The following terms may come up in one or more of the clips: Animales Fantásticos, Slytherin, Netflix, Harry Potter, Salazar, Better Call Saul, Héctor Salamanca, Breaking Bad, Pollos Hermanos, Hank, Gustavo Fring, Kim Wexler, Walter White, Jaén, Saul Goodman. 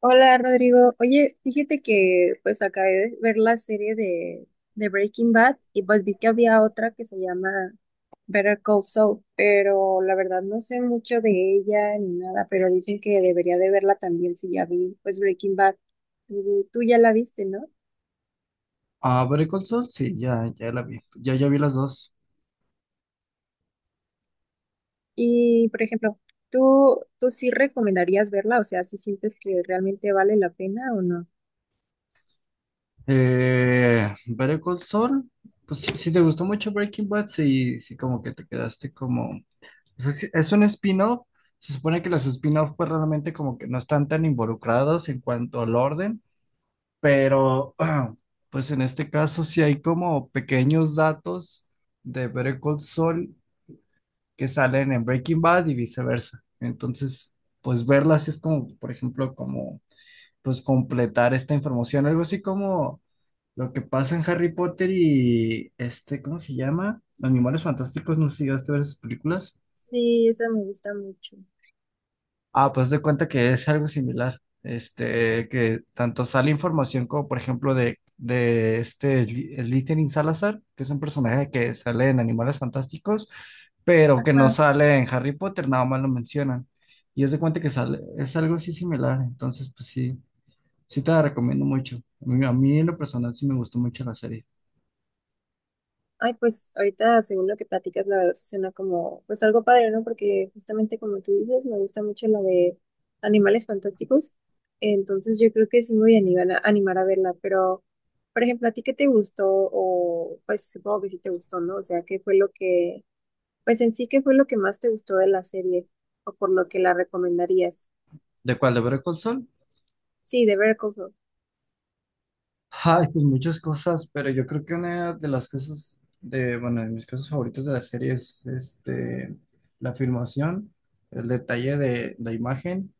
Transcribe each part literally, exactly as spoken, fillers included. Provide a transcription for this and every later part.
Hola Rodrigo, oye, fíjate que pues acabé de ver la serie de, de Breaking Bad y pues vi que había otra que se llama Better Call Saul, pero la verdad no sé mucho de ella ni nada, pero dicen que debería de verla también si ya vi pues Breaking Bad. Tú, tú ya la viste, ¿no? Ah, Better Call Saul, sí, ya, ya la vi. Ya, ya vi las dos. Y por ejemplo, ¿tú, tú sí recomendarías verla? O sea, ¿si sientes que realmente vale la pena o no? Eh, Better Call Saul, pues si, si te gustó mucho Breaking Bad, sí, sí, como que te quedaste como, o sea, sí, es un spin-off. Se supone que los spin-off, pues realmente como que no están tan involucrados en cuanto al orden, pero pues en este caso sí hay como pequeños datos de Better Call Saul que salen en Breaking Bad y viceversa. Entonces, pues verlas es como, por ejemplo, como pues completar esta información. Algo así como lo que pasa en Harry Potter y este, ¿cómo se llama? Animales Fantásticos, no sé si llegaste a ver esas películas. Sí, esa me gusta mucho. Ah, pues de cuenta que es algo similar. Este, que tanto sale información como, por ejemplo, de, de este Sly- Slytherin Salazar, que es un personaje que sale en Animales Fantásticos, pero que no Ajá. sale en Harry Potter, nada más lo mencionan. Y es de cuenta que sale, es algo así similar. Entonces, pues sí. Sí te la recomiendo mucho. A mí, a mí en lo personal sí me gustó mucho la serie. Ay, pues ahorita, según lo que platicas, la verdad se suena como, pues algo padre, ¿no? Porque justamente como tú dices, me gusta mucho la de Animales Fantásticos. Entonces yo creo que sí me voy a animar a, animar a verla, pero, por ejemplo, ¿a ti qué te gustó? O pues supongo que sí te gustó, ¿no? O sea, ¿qué fue lo que, pues en sí, ¿qué fue lo que más te gustó de la serie? O por lo que la recomendarías. ¿De cuál? ¿De Better Call Saul? Sí, de Better Call Saul. Ay, pues muchas cosas, pero yo creo que una de las cosas de, bueno, de mis cosas favoritas de la serie es este, la filmación, el detalle de la imagen,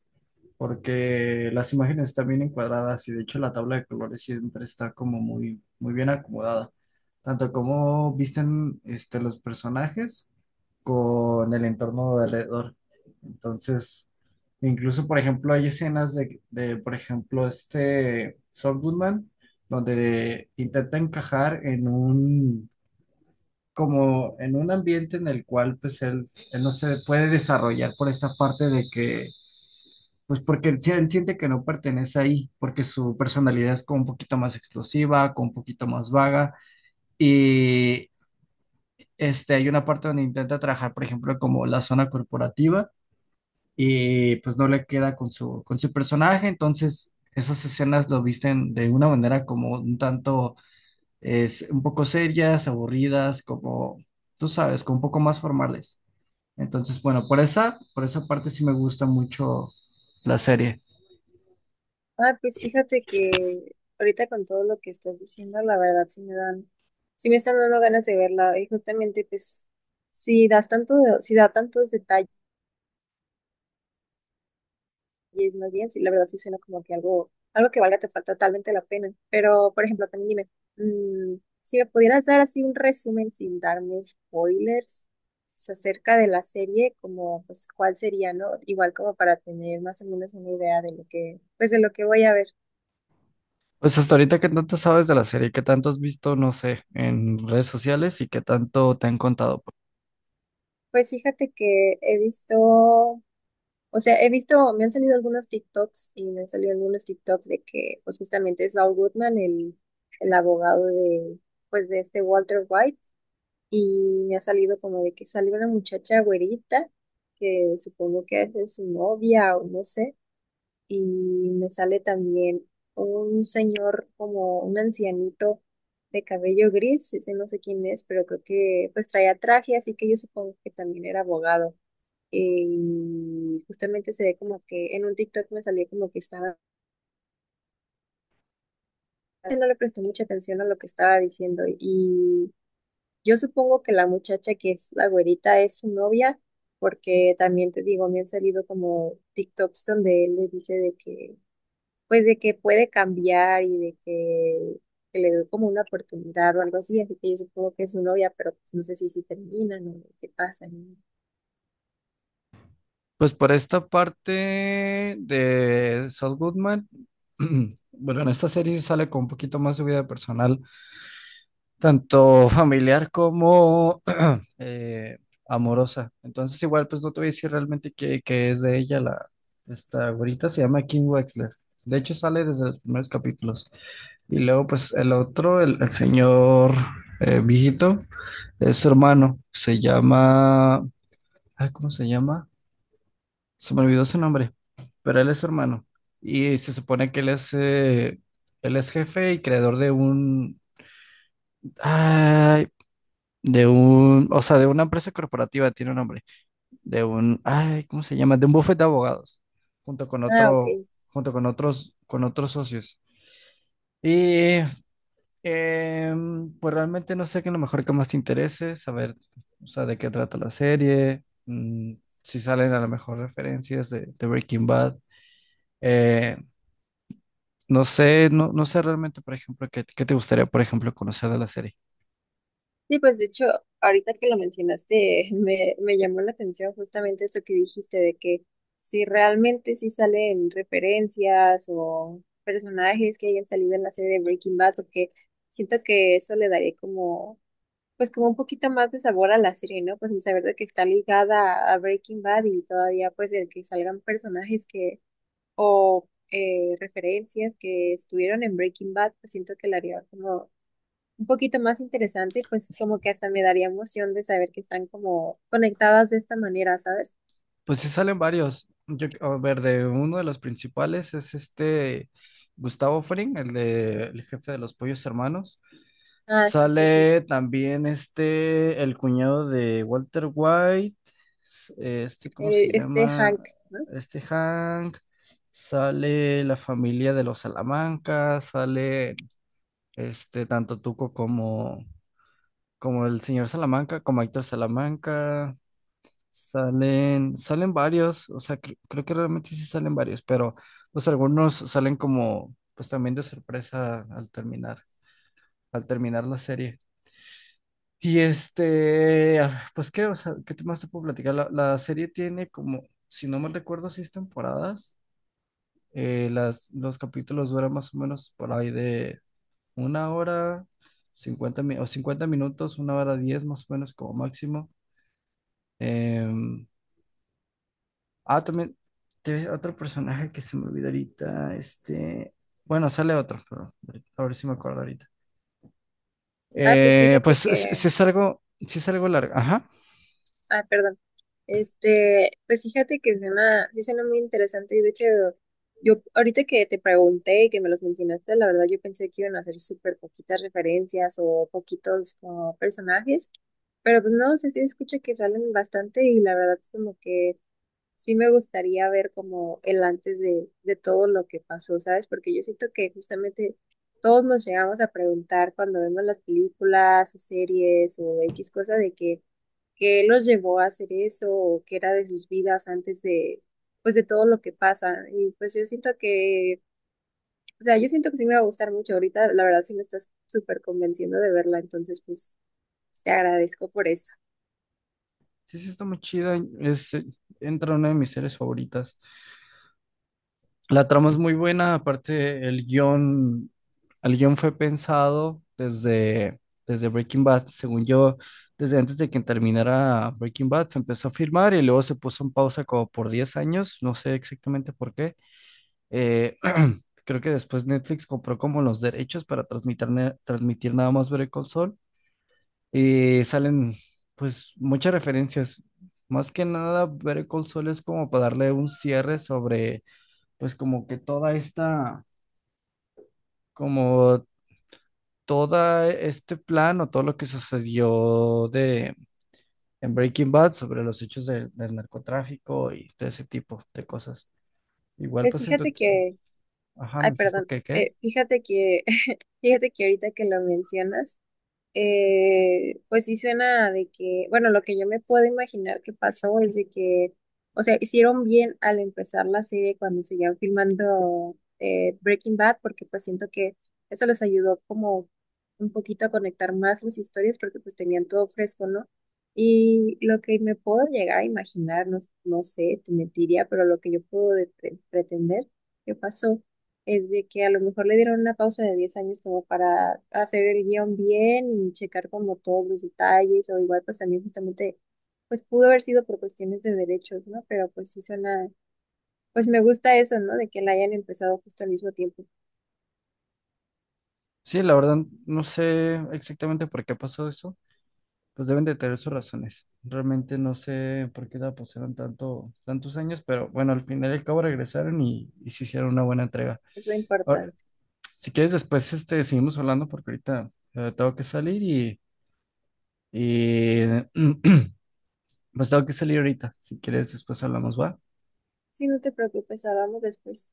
porque las imágenes están bien encuadradas y de hecho la tabla de colores siempre está como muy, muy bien acomodada. Tanto como visten este, los personajes con el entorno de alrededor. Entonces, incluso, por ejemplo, hay escenas de, de, por ejemplo, este Saul Goodman, donde intenta encajar en un, como en un ambiente en el cual, pues, él, él no se puede desarrollar por esta parte de que, pues, porque él, si- él siente que no pertenece ahí, porque su personalidad es como un poquito más explosiva, como un poquito más vaga, y... Este, hay una parte donde intenta trabajar, por ejemplo, como la zona corporativa, y pues no le queda con su, con su personaje, entonces esas escenas lo visten de una manera como un tanto, es un poco serias, aburridas, como, tú sabes, como un poco más formales. Entonces, bueno, por esa, por esa parte sí me gusta mucho la serie. Ah, pues fíjate que ahorita con todo lo que estás diciendo, la verdad sí me dan, sí me están dando ganas de verla. Y justamente, pues, si das tanto, de- si da tantos detalles, más bien, sí, la verdad sí suena como que algo, algo que valga te- falta totalmente la pena. Pero, por ejemplo, también dime, mm, si me pudieras dar así un resumen sin darme spoilers, pues, acerca de la serie, como, pues, cuál sería, ¿no? Igual como para tener más o menos una idea de lo que, pues, de lo que voy a ver. Pues hasta ahorita, ¿qué tanto sabes de la serie? ¿Qué tanto has visto, no sé, en redes sociales y qué tanto te han contado? Pues fíjate que he visto, o sea, he visto, me han salido algunos TikToks y me han salido algunos TikToks de que, pues justamente es Saul Goodman, el, el abogado de, pues de este Walter White, y me ha salido como de que salió una muchacha güerita, que supongo que es su novia o no sé, y me sale también un señor como un ancianito de cabello gris, ese no sé quién es, pero creo que pues traía traje, así que yo supongo que también era abogado. Y justamente se ve como que en un TikTok me salió como que estaba, no le presté mucha atención a lo que estaba diciendo. Y yo supongo que la muchacha que es la güerita es su novia, porque también te digo, me han salido como TikToks donde él le dice de que, pues de que puede cambiar y de que, que le doy como una oportunidad o algo así. Así que yo supongo que es su novia, pero pues no sé si si terminan o qué pasa, ¿no? Pues por esta parte de Saul Goodman, bueno, en esta serie sí sale con un poquito más su vida personal, tanto familiar como eh, amorosa. Entonces igual pues no te voy a decir realmente qué, qué es de ella la esta güerita, se llama Kim Wexler. De hecho sale desde los primeros capítulos. Y luego pues el otro, el, el señor eh, viejito, es su hermano, se llama, ay, ¿cómo se llama? Se me olvidó su nombre, pero él es su hermano. Y se supone que él es, eh, él es jefe y creador de un, ay, de un, o sea, de una empresa corporativa, tiene un nombre, de un, ay, ¿cómo se llama? De un bufete de abogados, junto con Ah, ok. otro, junto con otros, con otros socios. Y em, pues realmente no sé qué es lo mejor que más te interese, saber, o sea, de qué trata la serie, mm, si salen a lo mejor referencias de, de Breaking Bad. Eh, No sé, no, no sé realmente, por ejemplo, qué, qué te gustaría, por ejemplo, conocer de la serie. Sí, pues de hecho, ahorita que lo mencionaste, me, me llamó la atención justamente eso que dijiste de que si realmente sí salen referencias o personajes que hayan salido en la serie de Breaking Bad, porque siento que eso le daría como, pues como un poquito más de sabor a la serie, ¿no? Pues el saber de que está ligada a Breaking Bad y todavía pues el que salgan personajes que, o eh, referencias que estuvieron en Breaking Bad, pues siento que le haría como un poquito más interesante, pues es como que hasta me daría emoción de saber que están como conectadas de esta manera, ¿sabes? Pues sí salen varios. Yo, a ver, de uno de los principales es este Gustavo Fring, el de el jefe de los Pollos Hermanos. Ah, sí, sí, sí. Sale también este el cuñado de Walter White, s- eh, este, ¿cómo se El, este llama? Hank, ¿no? Este Hank. Sale la familia de los Salamanca, sale este tanto Tuco como como el señor Salamanca, como Héctor Salamanca, salen, salen varios, o sea, cre- creo que realmente sí salen varios, pero pues algunos salen como, pues también de sorpresa al terminar, al terminar la serie. Y este, ah, pues qué, o sea, ¿qué te- más te puedo platicar? La, la serie tiene como, si no mal recuerdo, seis temporadas. Eh, las, los capítulos duran más o menos por ahí de una hora, cincuenta mi- o cincuenta minutos, una hora diez más o menos como máximo. Em, ah, también te- otro personaje que se me olvidó ahorita. Este, bueno, sale otro, pero a ver si me acuerdo ahorita. Ah, pues Eh, pues fíjate sí, sí que, es algo, sí es algo largo. Ajá. ah, perdón. Este, pues fíjate que suena, sí suena muy interesante y de hecho, yo ahorita que te pregunté y que me los mencionaste, la verdad yo pensé que iban a ser súper poquitas referencias o poquitos como personajes, pero pues no, o sea, sí escucho que salen bastante y la verdad como que sí me gustaría ver como el antes de, de todo lo que pasó, ¿sabes? Porque yo siento que justamente todos nos llegamos a preguntar cuando vemos las películas o series o equis cosa de que qué los llevó a hacer eso o qué era de sus vidas antes de, pues de todo lo que pasa. Y pues yo siento que, o sea, yo siento que sí me va a gustar mucho ahorita, la verdad sí me estás súper convenciendo de verla, entonces pues pues, te agradezco por eso. Sí, sí está muy chida. Es, eh, entra una de mis series favoritas. La trama es muy buena, aparte el guión, el guión, fue pensado desde, desde Breaking Bad, según yo, desde antes de que terminara Breaking Bad, se empezó a filmar y luego se puso en pausa como por diez años, no sé exactamente por qué. Eh, creo que después Netflix compró como los derechos para transmitir, na- transmitir nada más Better Call Saul y salen pues muchas referencias. Más que nada, Better Call Saul es como para darle un cierre sobre pues como que toda esta como todo este plan o todo lo que sucedió de, en Breaking Bad sobre los hechos del del narcotráfico y todo ese tipo de cosas. Igual Pues pues siento, fíjate que ajá, Ay, me fijo perdón. que qué. Eh, fíjate que, fíjate que ahorita que lo mencionas, eh, pues sí suena de que, bueno, lo que yo me puedo imaginar que pasó es de que, o sea, hicieron bien al empezar la serie cuando seguían filmando eh, Breaking Bad, porque pues siento que eso les ayudó como un poquito a conectar más las historias, porque pues tenían todo fresco, ¿no? Y lo que me puedo llegar a imaginar, no, no sé, te mentiría, pero lo que yo puedo de- pre- pretender que pasó es de que a lo mejor le dieron una pausa de diez años como para hacer el guión bien y checar como todos los detalles o igual pues también justamente pues pudo haber sido por cuestiones de derechos, ¿no? Pero pues sí suena, pues me gusta eso, ¿no? De que la hayan empezado justo al mismo tiempo. Sí, la verdad no sé exactamente por qué pasó eso. Pues deben de tener sus razones. Realmente no sé por qué la pasaron tanto, tantos años, pero bueno, al final y al cabo regresaron y, y se hicieron una buena entrega. Es lo Ahora, importante. si quieres, después este, seguimos hablando porque ahorita eh, tengo que salir. Y pues tengo que salir ahorita. Si quieres, después hablamos, va. Sí, no te preocupes, hablamos después.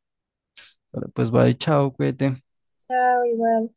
Vale, pues va y chao, cuídate. Chao, igual.